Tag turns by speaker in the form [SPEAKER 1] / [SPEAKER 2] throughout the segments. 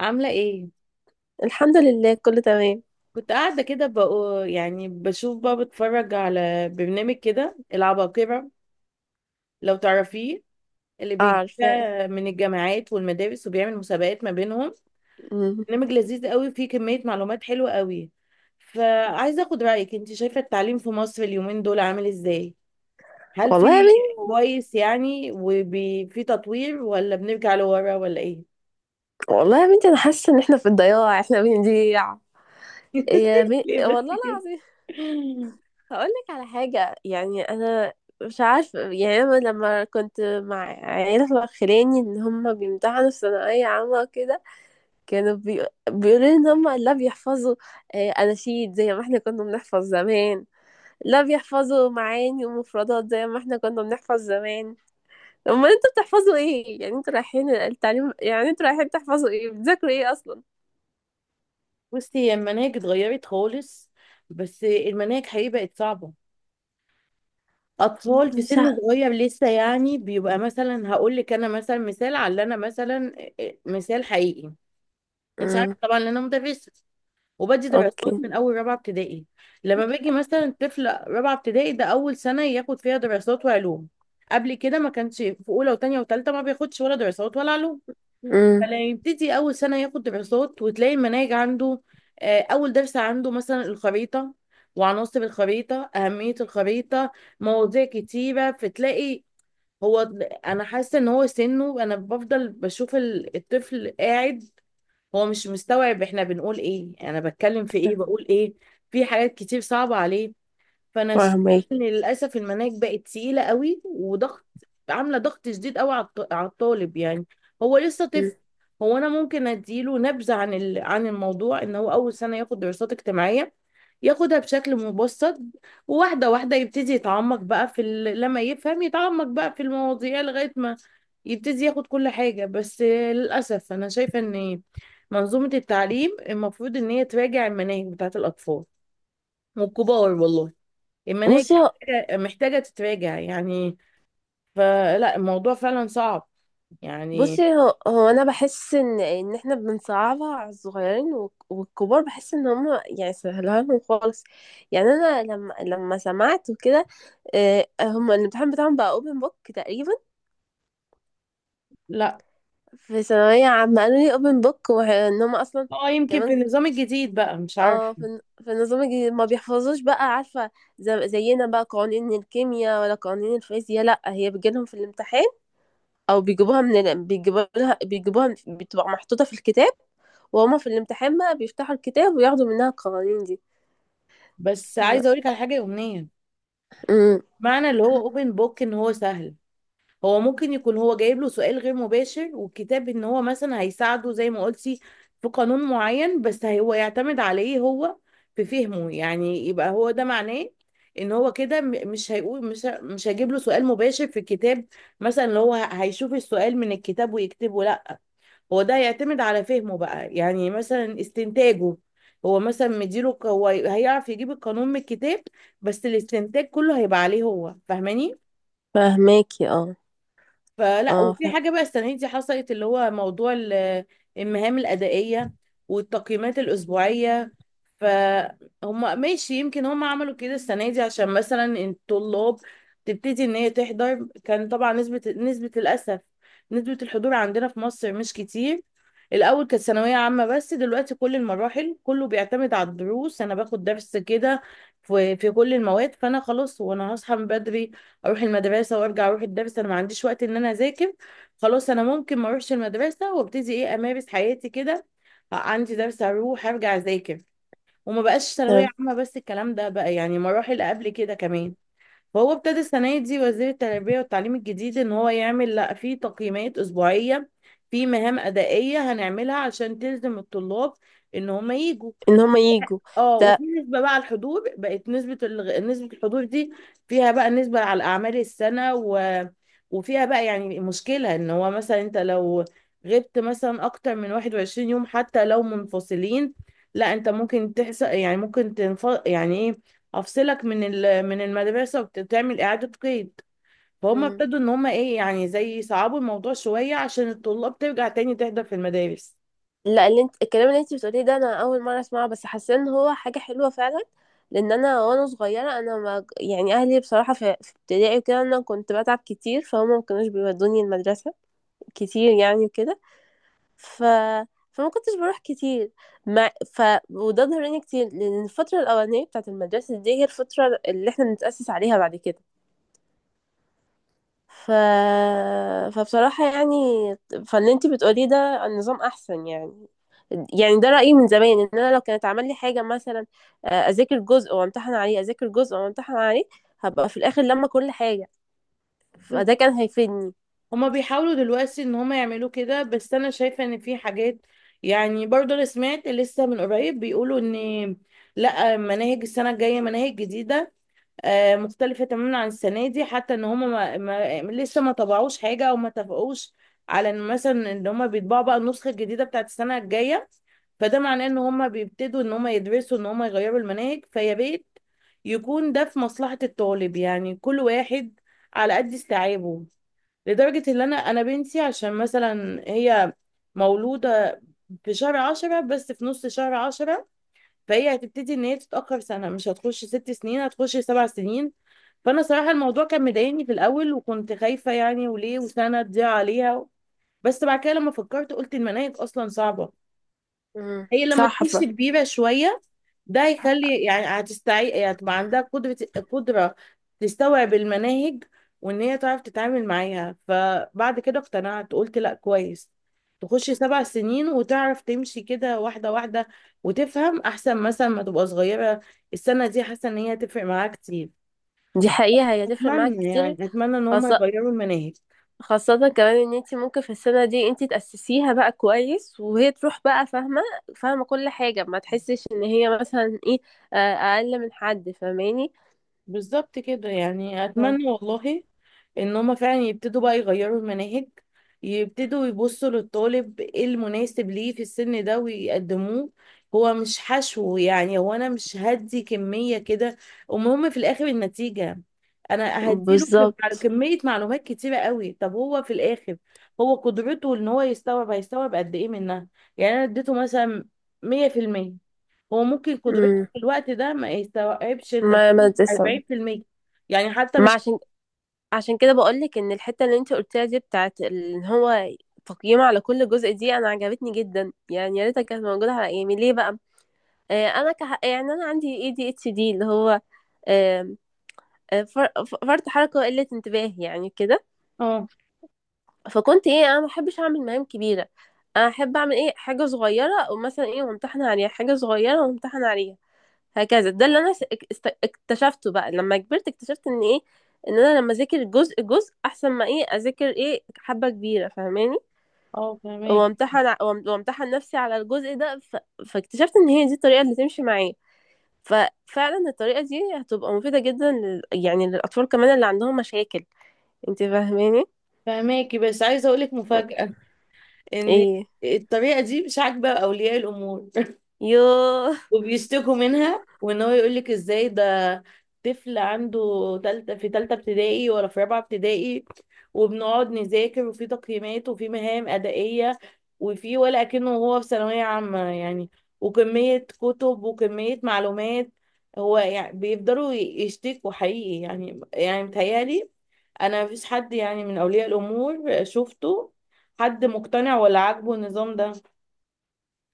[SPEAKER 1] عاملة ايه؟
[SPEAKER 2] الحمد لله كله تمام.
[SPEAKER 1] كنت قاعدة كده بقو يعني بشوف بقى بتفرج على برنامج كده العباقرة، لو تعرفيه، اللي
[SPEAKER 2] اه،
[SPEAKER 1] بيجي
[SPEAKER 2] عارفاه.
[SPEAKER 1] من الجامعات والمدارس وبيعمل مسابقات ما بينهم.
[SPEAKER 2] مم.
[SPEAKER 1] برنامج لذيذ قوي فيه كمية معلومات حلوة قوي. فعايزة اخد رأيك، انت شايفة التعليم في مصر اليومين دول عامل ازاي؟ هل في
[SPEAKER 2] والله يا بنتي
[SPEAKER 1] كويس يعني وفي تطوير ولا بنرجع لورا ولا ايه؟
[SPEAKER 2] والله يا بنتي انا حاسه ان احنا في الضياع، احنا بنضيع. يا بنتي
[SPEAKER 1] ليه بس
[SPEAKER 2] والله
[SPEAKER 1] كده؟
[SPEAKER 2] العظيم. هقول لك على حاجه. يعني انا مش عارفه، يعني انا لما كنت مع عيله خلاني ان هم بيمتحنوا في ثانويه عامه كده. كانوا بيقولوا لي ان هم لا بيحفظوا اناشيد زي ما احنا كنا بنحفظ زمان. لا بيحفظوا معاني ومفردات زي ما احنا كنا بنحفظ زمان. امال انتوا بتحفظوا ايه؟ يعني انتوا رايحين التعليم، يعني انتوا رايحين تحفظوا ايه؟ بتذاكروا ايه اصلا؟
[SPEAKER 1] بصي، هي المناهج اتغيرت خالص، بس المناهج حقيقي بقت صعبة. أطفال في
[SPEAKER 2] مش ع...
[SPEAKER 1] سن صغير لسه، يعني بيبقى مثلا، هقول لك أنا مثلا، مثال على اللي أنا مثلا، مثال حقيقي. أنت عارفة
[SPEAKER 2] امم.
[SPEAKER 1] طبعا إن أنا مدرسة وبدي دراسات
[SPEAKER 2] اوكي.
[SPEAKER 1] من أول رابعة ابتدائي. لما باجي مثلا طفل رابعة ابتدائي، ده أول سنة ياخد فيها دراسات وعلوم. قبل كده ما كانش في أولى وتانية وتالتة، ما بياخدش ولا دراسات ولا علوم.
[SPEAKER 2] امم.
[SPEAKER 1] فلا يبتدي اول سنه ياخد دراسات وتلاقي المناهج عنده. اول درس عنده مثلا الخريطه وعناصر الخريطه اهميه الخريطه، مواضيع كتيره، فتلاقي هو، انا حاسه ان هو سنه انا بفضل بشوف الطفل قاعد، هو مش مستوعب احنا بنقول ايه، انا بتكلم في ايه بقول ايه، في حاجات كتير صعبه عليه. فانا شايفة
[SPEAKER 2] فاهمك.
[SPEAKER 1] ان للاسف المناهج بقت تقيله قوي وضغط، عامله ضغط شديد قوي على على الطالب يعني، هو لسه
[SPEAKER 2] أمم.
[SPEAKER 1] طفل. هو انا ممكن اديله نبذه عن عن الموضوع ان هو اول سنه ياخد دراسات اجتماعيه، ياخدها بشكل مبسط، وواحده واحده يبتدي يتعمق بقى في لما يفهم يتعمق بقى في المواضيع لغايه ما يبتدي ياخد كل حاجه. بس للاسف انا شايفه ان منظومه التعليم المفروض ان هي تراجع المناهج بتاعت الاطفال والكبار، والله المناهج
[SPEAKER 2] بصي هو
[SPEAKER 1] محتاجة تتراجع يعني، فلا الموضوع فعلا صعب
[SPEAKER 2] بصي
[SPEAKER 1] يعني.
[SPEAKER 2] هو, هو انا بحس ان احنا بنصعبها على الصغيرين والكبار، بحس ان هم يعني سهلوها لهم خالص. يعني انا لما سمعت وكده، هم الامتحان بتاعهم بقى اوبن بوك تقريبا.
[SPEAKER 1] لا،
[SPEAKER 2] في ثانوية عامة قالوا لي اوبن بوك، وان هم اصلا
[SPEAKER 1] اه، يمكن في
[SPEAKER 2] كمان.
[SPEAKER 1] النظام الجديد بقى، مش عارفة.
[SPEAKER 2] اه، في النظام الجديد ما بيحفظوش بقى، عارفة. زينا بقى قوانين الكيمياء ولا قوانين الفيزياء، لا هي بتجيلهم في الامتحان. او بيجيبوها بيجيبوها بتبقى محطوطة في الكتاب، وهما في الامتحان بقى بيفتحوا الكتاب وياخدوا منها القوانين دي.
[SPEAKER 1] بس
[SPEAKER 2] ف...
[SPEAKER 1] عايزة اقولك على حاجة يومية،
[SPEAKER 2] امم.
[SPEAKER 1] معنى اللي هو اوبن بوك ان هو سهل، هو ممكن يكون هو جايب له سؤال غير مباشر، والكتاب ان هو مثلا هيساعده زي ما قلتي في قانون معين، بس هو يعتمد عليه هو في فهمه، يعني يبقى هو ده معناه، ان هو كده مش هيقول، مش مش هجيب له سؤال مباشر في الكتاب، مثلا اللي هو هيشوف السؤال من الكتاب ويكتبه، لا، هو ده هيعتمد على فهمه بقى، يعني مثلا استنتاجه، هو مثلا مديله هو هيعرف يجيب القانون من الكتاب، بس الاستنتاج كله هيبقى عليه هو، فاهماني؟
[SPEAKER 2] فاهماكي، اه.
[SPEAKER 1] فلا،
[SPEAKER 2] اه،
[SPEAKER 1] وفي حاجة بقى السنة دي حصلت اللي هو موضوع المهام الأدائية والتقييمات الأسبوعية. فهم ماشي، يمكن هم عملوا كده السنة دي عشان مثلا الطلاب تبتدي إن هي تحضر، كان طبعا نسبة للأسف نسبة الحضور عندنا في مصر مش كتير. الأول كانت ثانوية عامة بس دلوقتي كل المراحل، كله بيعتمد على الدروس. أنا باخد درس كده في كل المواد، فأنا خلاص وأنا هصحى من بدري اروح المدرسه وارجع اروح الدرس، انا ما عنديش وقت ان انا اذاكر، خلاص انا ممكن ما اروحش المدرسه وابتدي ايه امارس حياتي كده، عندي درس اروح ارجع اذاكر. وما بقاش ثانويه
[SPEAKER 2] فاهم.
[SPEAKER 1] عامه بس، الكلام ده بقى يعني مراحل قبل كده كمان. فهو ابتدى السنه دي وزير التربيه والتعليم الجديد ان هو يعمل، لا، في تقييمات اسبوعيه، في مهام ادائيه هنعملها عشان تلزم الطلاب ان هم يجوا.
[SPEAKER 2] ان هما يجوا
[SPEAKER 1] اه، وفي
[SPEAKER 2] ده.
[SPEAKER 1] نسبة بقى على الحضور، بقت نسبة الحضور دي فيها بقى نسبة على أعمال السنة وفيها بقى يعني مشكلة، ان هو مثلا انت لو غبت مثلا اكتر من 21 يوم حتى لو منفصلين، لا انت ممكن تحصل، يعني ممكن يعني ايه، افصلك من من المدرسة وتعمل اعادة قيد. فهم
[SPEAKER 2] امم.
[SPEAKER 1] ابتدوا ان هم ايه، يعني زي يصعبوا الموضوع شوية عشان الطلاب ترجع تاني تحضر في المدارس.
[SPEAKER 2] لا، اللي انت الكلام اللي انت بتقوليه ده انا اول مره اسمعه، بس حاسه ان هو حاجه حلوه فعلا. لان انا وانا صغيره، انا ما يعني اهلي بصراحه في ابتدائي وكده انا كنت بتعب كتير، فهم ما كانوش بيودوني المدرسه كتير يعني وكده. ف فما كنتش بروح كتير. مع ف وده ضرني كتير، لان الفتره الاولانيه بتاعه المدرسه دي هي الفتره اللي احنا بنتاسس عليها بعد كده. ف... فبصراحة يعني، فاللي انتي بتقوليه ده النظام احسن. يعني يعني ده رأيي من زمان، ان انا لو كانت عمل لي حاجة مثلا، اذاكر جزء وامتحن عليه، اذاكر جزء وامتحن عليه، هبقى في الاخر لما كل حاجة، فده كان هيفيدني.
[SPEAKER 1] هما بيحاولوا دلوقتي ان هما يعملوا كده، بس انا شايفة ان في حاجات، يعني برضه انا سمعت لسه من قريب بيقولوا ان لا، مناهج السنة الجاية مناهج جديدة، مختلفة تماما عن السنة دي، حتى ان هم ما لسه ما طبعوش حاجة او ما اتفقوش على ان مثلا ان هم بيطبعوا بقى النسخة الجديدة بتاعت السنة الجاية. فده معناه ان هم بيبتدوا ان هم يدرسوا ان هم يغيروا المناهج، فيا ريت يكون ده في مصلحة الطالب، يعني كل واحد على قد استيعابه. لدرجة ان انا بنتي عشان مثلا هي مولودة في شهر 10، بس في نص شهر 10، فهي هتبتدي ان هي تتاخر سنه، مش هتخش 6 سنين، هتخش 7 سنين. فانا صراحه الموضوع كان مضايقني في الاول، وكنت خايفه يعني، وليه؟ وسنه تضيع عليها. بس بعد كده لما فكرت قلت المناهج اصلا صعبه،
[SPEAKER 2] مم.
[SPEAKER 1] هي لما
[SPEAKER 2] صح.
[SPEAKER 1] تخش كبيرة شوية ده هيخلي، يعني هتستعي، يعني هتبقى عندها قدرة تستوعب المناهج وان هي تعرف تتعامل معاها. فبعد كده اقتنعت قلت لا كويس، تخش 7 سنين وتعرف تمشي كده واحدة واحدة، وتفهم احسن مثلا ما تبقى صغيرة. السنة دي حاسة ان هي تفرق معاها كتير.
[SPEAKER 2] دي حقيقة، هي هتفرق معاك
[SPEAKER 1] اتمنى
[SPEAKER 2] كتير.
[SPEAKER 1] يعني اتمنى ان هم
[SPEAKER 2] خاصة
[SPEAKER 1] يغيروا المناهج.
[SPEAKER 2] خاصة كمان ان انتي ممكن في السنة دي انتي تأسسيها بقى كويس، وهي تروح بقى فاهمة فاهمة كل حاجة، ما تحسش ان هي مثلا ايه، اقل من حد، فاهماني.
[SPEAKER 1] بالظبط كده، يعني
[SPEAKER 2] آه.
[SPEAKER 1] اتمنى والله ان هما فعلا يبتدوا بقى يغيروا المناهج، يبتدوا يبصوا للطالب ايه المناسب ليه في السن ده ويقدموه، هو مش حشو. يعني هو انا مش هدي كمية كده، المهم في الاخر النتيجة، انا هديله على
[SPEAKER 2] بالظبط.
[SPEAKER 1] كمية معلومات كتيرة قوي، طب هو في الاخر هو قدرته ان هو يستوعب هيستوعب قد ايه منها؟ يعني انا اديته مثلا 100%، هو ممكن قدرته
[SPEAKER 2] امم.
[SPEAKER 1] في الوقت ده ما يستوعبش الا
[SPEAKER 2] ما تسمع.
[SPEAKER 1] 40%، يعني حتى
[SPEAKER 2] ما
[SPEAKER 1] مش.
[SPEAKER 2] عشان كده بقولك ان الحته اللي انت قلتيها دي بتاعت ان هو تقييم على كل جزء دي، انا عجبتني جدا. يعني يا ريتها كانت موجوده على ايامي، ليه بقى؟ آه، انا يعني انا عندي ADHD اللي هو، آم، فرط حركه وقله انتباه يعني كده.
[SPEAKER 1] اه،
[SPEAKER 2] فكنت ايه، انا ما بحبش اعمل مهام كبيره. انا احب اعمل ايه حاجه صغيره، ومثلا ايه، وامتحن عليها حاجه صغيره وامتحن عليها. هكذا ده اللي انا اكتشفته بقى لما كبرت. اكتشفت ان ايه، ان انا لما اذاكر جزء جزء احسن ما ايه اذاكر ايه حبة كبيرة، فاهماني،
[SPEAKER 1] اه، فهماك.
[SPEAKER 2] وامتحن نفسي على الجزء ده. فاكتشفت ان هي دي الطريقة اللي تمشي معايا. ففعلا الطريقة دي هتبقى مفيدة جدا يعني للاطفال كمان اللي عندهم مشاكل. انت فاهماني؟
[SPEAKER 1] فهماكي، بس عايزه اقول لك مفاجاه، ان
[SPEAKER 2] ايه.
[SPEAKER 1] الطريقه دي مش عاجبه اولياء الامور
[SPEAKER 2] يوه
[SPEAKER 1] وبيشتكوا منها. وان هو يقولك ازاي ده طفل عنده تالتة في تالتة ابتدائي ولا في رابعة ابتدائي وبنقعد نذاكر وفي تقييمات وفي مهام أدائية، وفي ولا أكنه هو في ثانوية عامة يعني، وكمية كتب وكمية معلومات. هو يعني بيفضلوا يشتكوا حقيقي، يعني متهيألي أنا مفيش حد، يعني من أولياء الأمور شفته حد مقتنع ولا عاجبه النظام ده،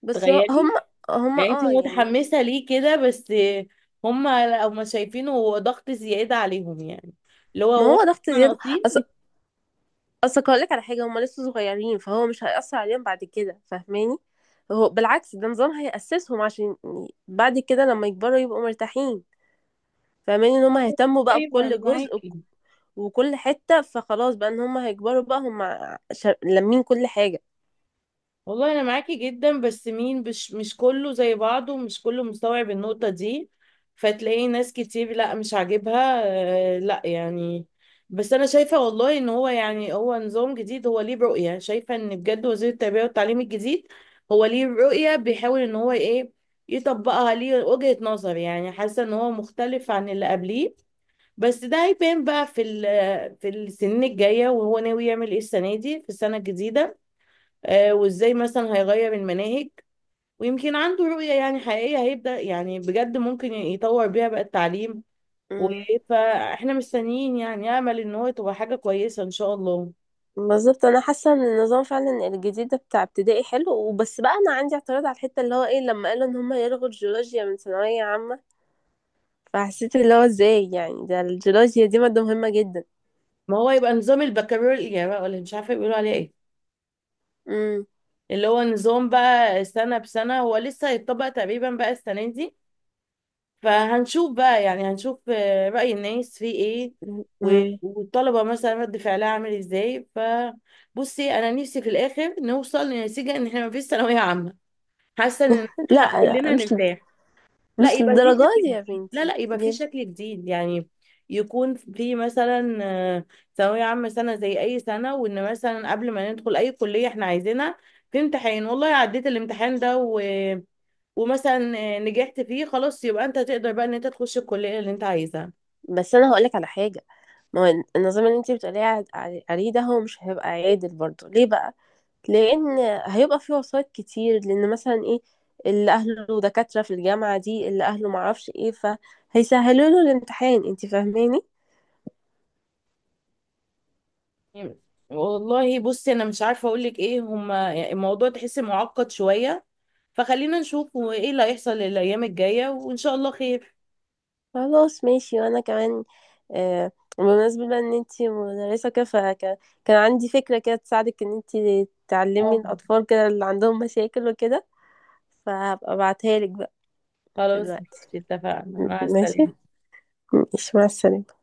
[SPEAKER 2] بس هم
[SPEAKER 1] تخيلي.
[SPEAKER 2] هم
[SPEAKER 1] يعني انت
[SPEAKER 2] اه يعني.
[SPEAKER 1] متحمسة ليه كده بس؟ هما لو ما شايفينه هو ضغط زيادة عليهم يعني، اللي هو
[SPEAKER 2] ما
[SPEAKER 1] هو
[SPEAKER 2] هو ضغط
[SPEAKER 1] احنا
[SPEAKER 2] زيادة.
[SPEAKER 1] ناقصين.
[SPEAKER 2] اصل هقولك على حاجه، هما لسه صغيرين، فهو مش هيأثر عليهم بعد كده، فاهماني. هو بالعكس، ده نظام هيأسسهم، عشان بعد كده لما يكبروا يبقوا مرتاحين. فاهماني ان هما هيهتموا بقى
[SPEAKER 1] ايوه، انا
[SPEAKER 2] بكل جزء
[SPEAKER 1] معاكي.
[SPEAKER 2] وكل حته، فخلاص بقى ان هما هيكبروا بقى هما لامين كل حاجه.
[SPEAKER 1] والله انا معاكي جدا بس مين، مش كله زي بعضه ومش كله مستوعب النقطة دي، فتلاقي ناس كتير لا مش عاجبها. لا يعني. بس انا شايفة والله ان هو، يعني هو نظام جديد، هو ليه رؤية. شايفة ان بجد وزير التربية والتعليم الجديد هو ليه رؤية بيحاول ان هو ايه يطبقها، ليه وجهة نظر، يعني حاسة ان هو مختلف عن اللي قبليه. بس ده هيبان بقى في في السنين الجاية، وهو ناوي يعمل ايه السنة دي في السنة الجديدة، وازاي مثلا هيغير المناهج، ويمكن عنده رؤية يعني حقيقية هيبدأ، يعني بجد ممكن يطور بيها بقى التعليم. و-
[SPEAKER 2] امم.
[SPEAKER 1] فاحنا مستنيين يعني، امل ان هو تبقى حاجة كويسة ان شاء الله.
[SPEAKER 2] بالظبط. انا حاسه ان النظام فعلا الجديد ده بتاع ابتدائي حلو. وبس بقى انا عندي اعتراض على الحته اللي هو ايه، لما قالوا ان هما يلغوا الجيولوجيا من ثانويه عامه، فحسيت اللي هو ازاي؟ يعني ده الجيولوجيا دي ماده مهمه جدا.
[SPEAKER 1] ما هو يبقى نظام البكالوريا بقى، ولا مش عارفة بيقولوا عليه ايه،
[SPEAKER 2] امم.
[SPEAKER 1] اللي هو نظام بقى سنة بسنة. هو لسه هيتطبق تقريبا بقى السنة دي، فهنشوف بقى، يعني هنشوف رأي الناس فيه ايه،
[SPEAKER 2] مم.
[SPEAKER 1] والطلبة مثلا رد فعلها عامل ازاي. فبصي انا نفسي في الاخر نوصل لنتيجة ان احنا ما فيش ثانوية عامة، حاسة ان
[SPEAKER 2] لا، لا،
[SPEAKER 1] كلنا
[SPEAKER 2] مش
[SPEAKER 1] نرتاح. لا
[SPEAKER 2] مش
[SPEAKER 1] يبقى في
[SPEAKER 2] للدرجة
[SPEAKER 1] شكل
[SPEAKER 2] دي يا
[SPEAKER 1] جديد، لا،
[SPEAKER 2] بنتي،
[SPEAKER 1] لا يبقى في
[SPEAKER 2] ليه؟
[SPEAKER 1] شكل جديد يعني، يكون في مثلا ثانوية عامة سنة زي أي سنة، وإن مثلا قبل ما ندخل أي كلية إحنا عايزينها في امتحان، والله عديت الامتحان ده ومثلا نجحت فيه، خلاص يبقى انت تقدر بقى ان انت تخش الكلية اللي انت عايزها.
[SPEAKER 2] بس انا هقولك على حاجة، ما هو النظام اللي انت بتقولي عليه ده هو مش هيبقى عادل برضه، ليه بقى؟ لان هيبقى فيه وسايط كتير، لان مثلا ايه، اللي اهله دكاترة في الجامعة دي، اللي اهله معرفش ايه فهيسهلوا له الامتحان، انت فاهماني.
[SPEAKER 1] والله بصي انا مش عارفة اقولك ايه، هما الموضوع تحس معقد شوية، فخلينا نشوف هو ايه اللي هيحصل الايام الجاية وان شاء الله خير.
[SPEAKER 2] خلاص ماشي. وانا كمان آه بمناسبة بقى ان انت مدرسة كده، فكان عندي فكرة كده تساعدك ان انت تعلمي
[SPEAKER 1] اه،
[SPEAKER 2] الاطفال كده اللي عندهم مشاكل وكده، فهبقى ابعتها لك بقى
[SPEAKER 1] خلاص ماشي،
[SPEAKER 2] دلوقتي.
[SPEAKER 1] اتفقنا، مع
[SPEAKER 2] ماشي.
[SPEAKER 1] السلامة.
[SPEAKER 2] ماشي، مع السلامة.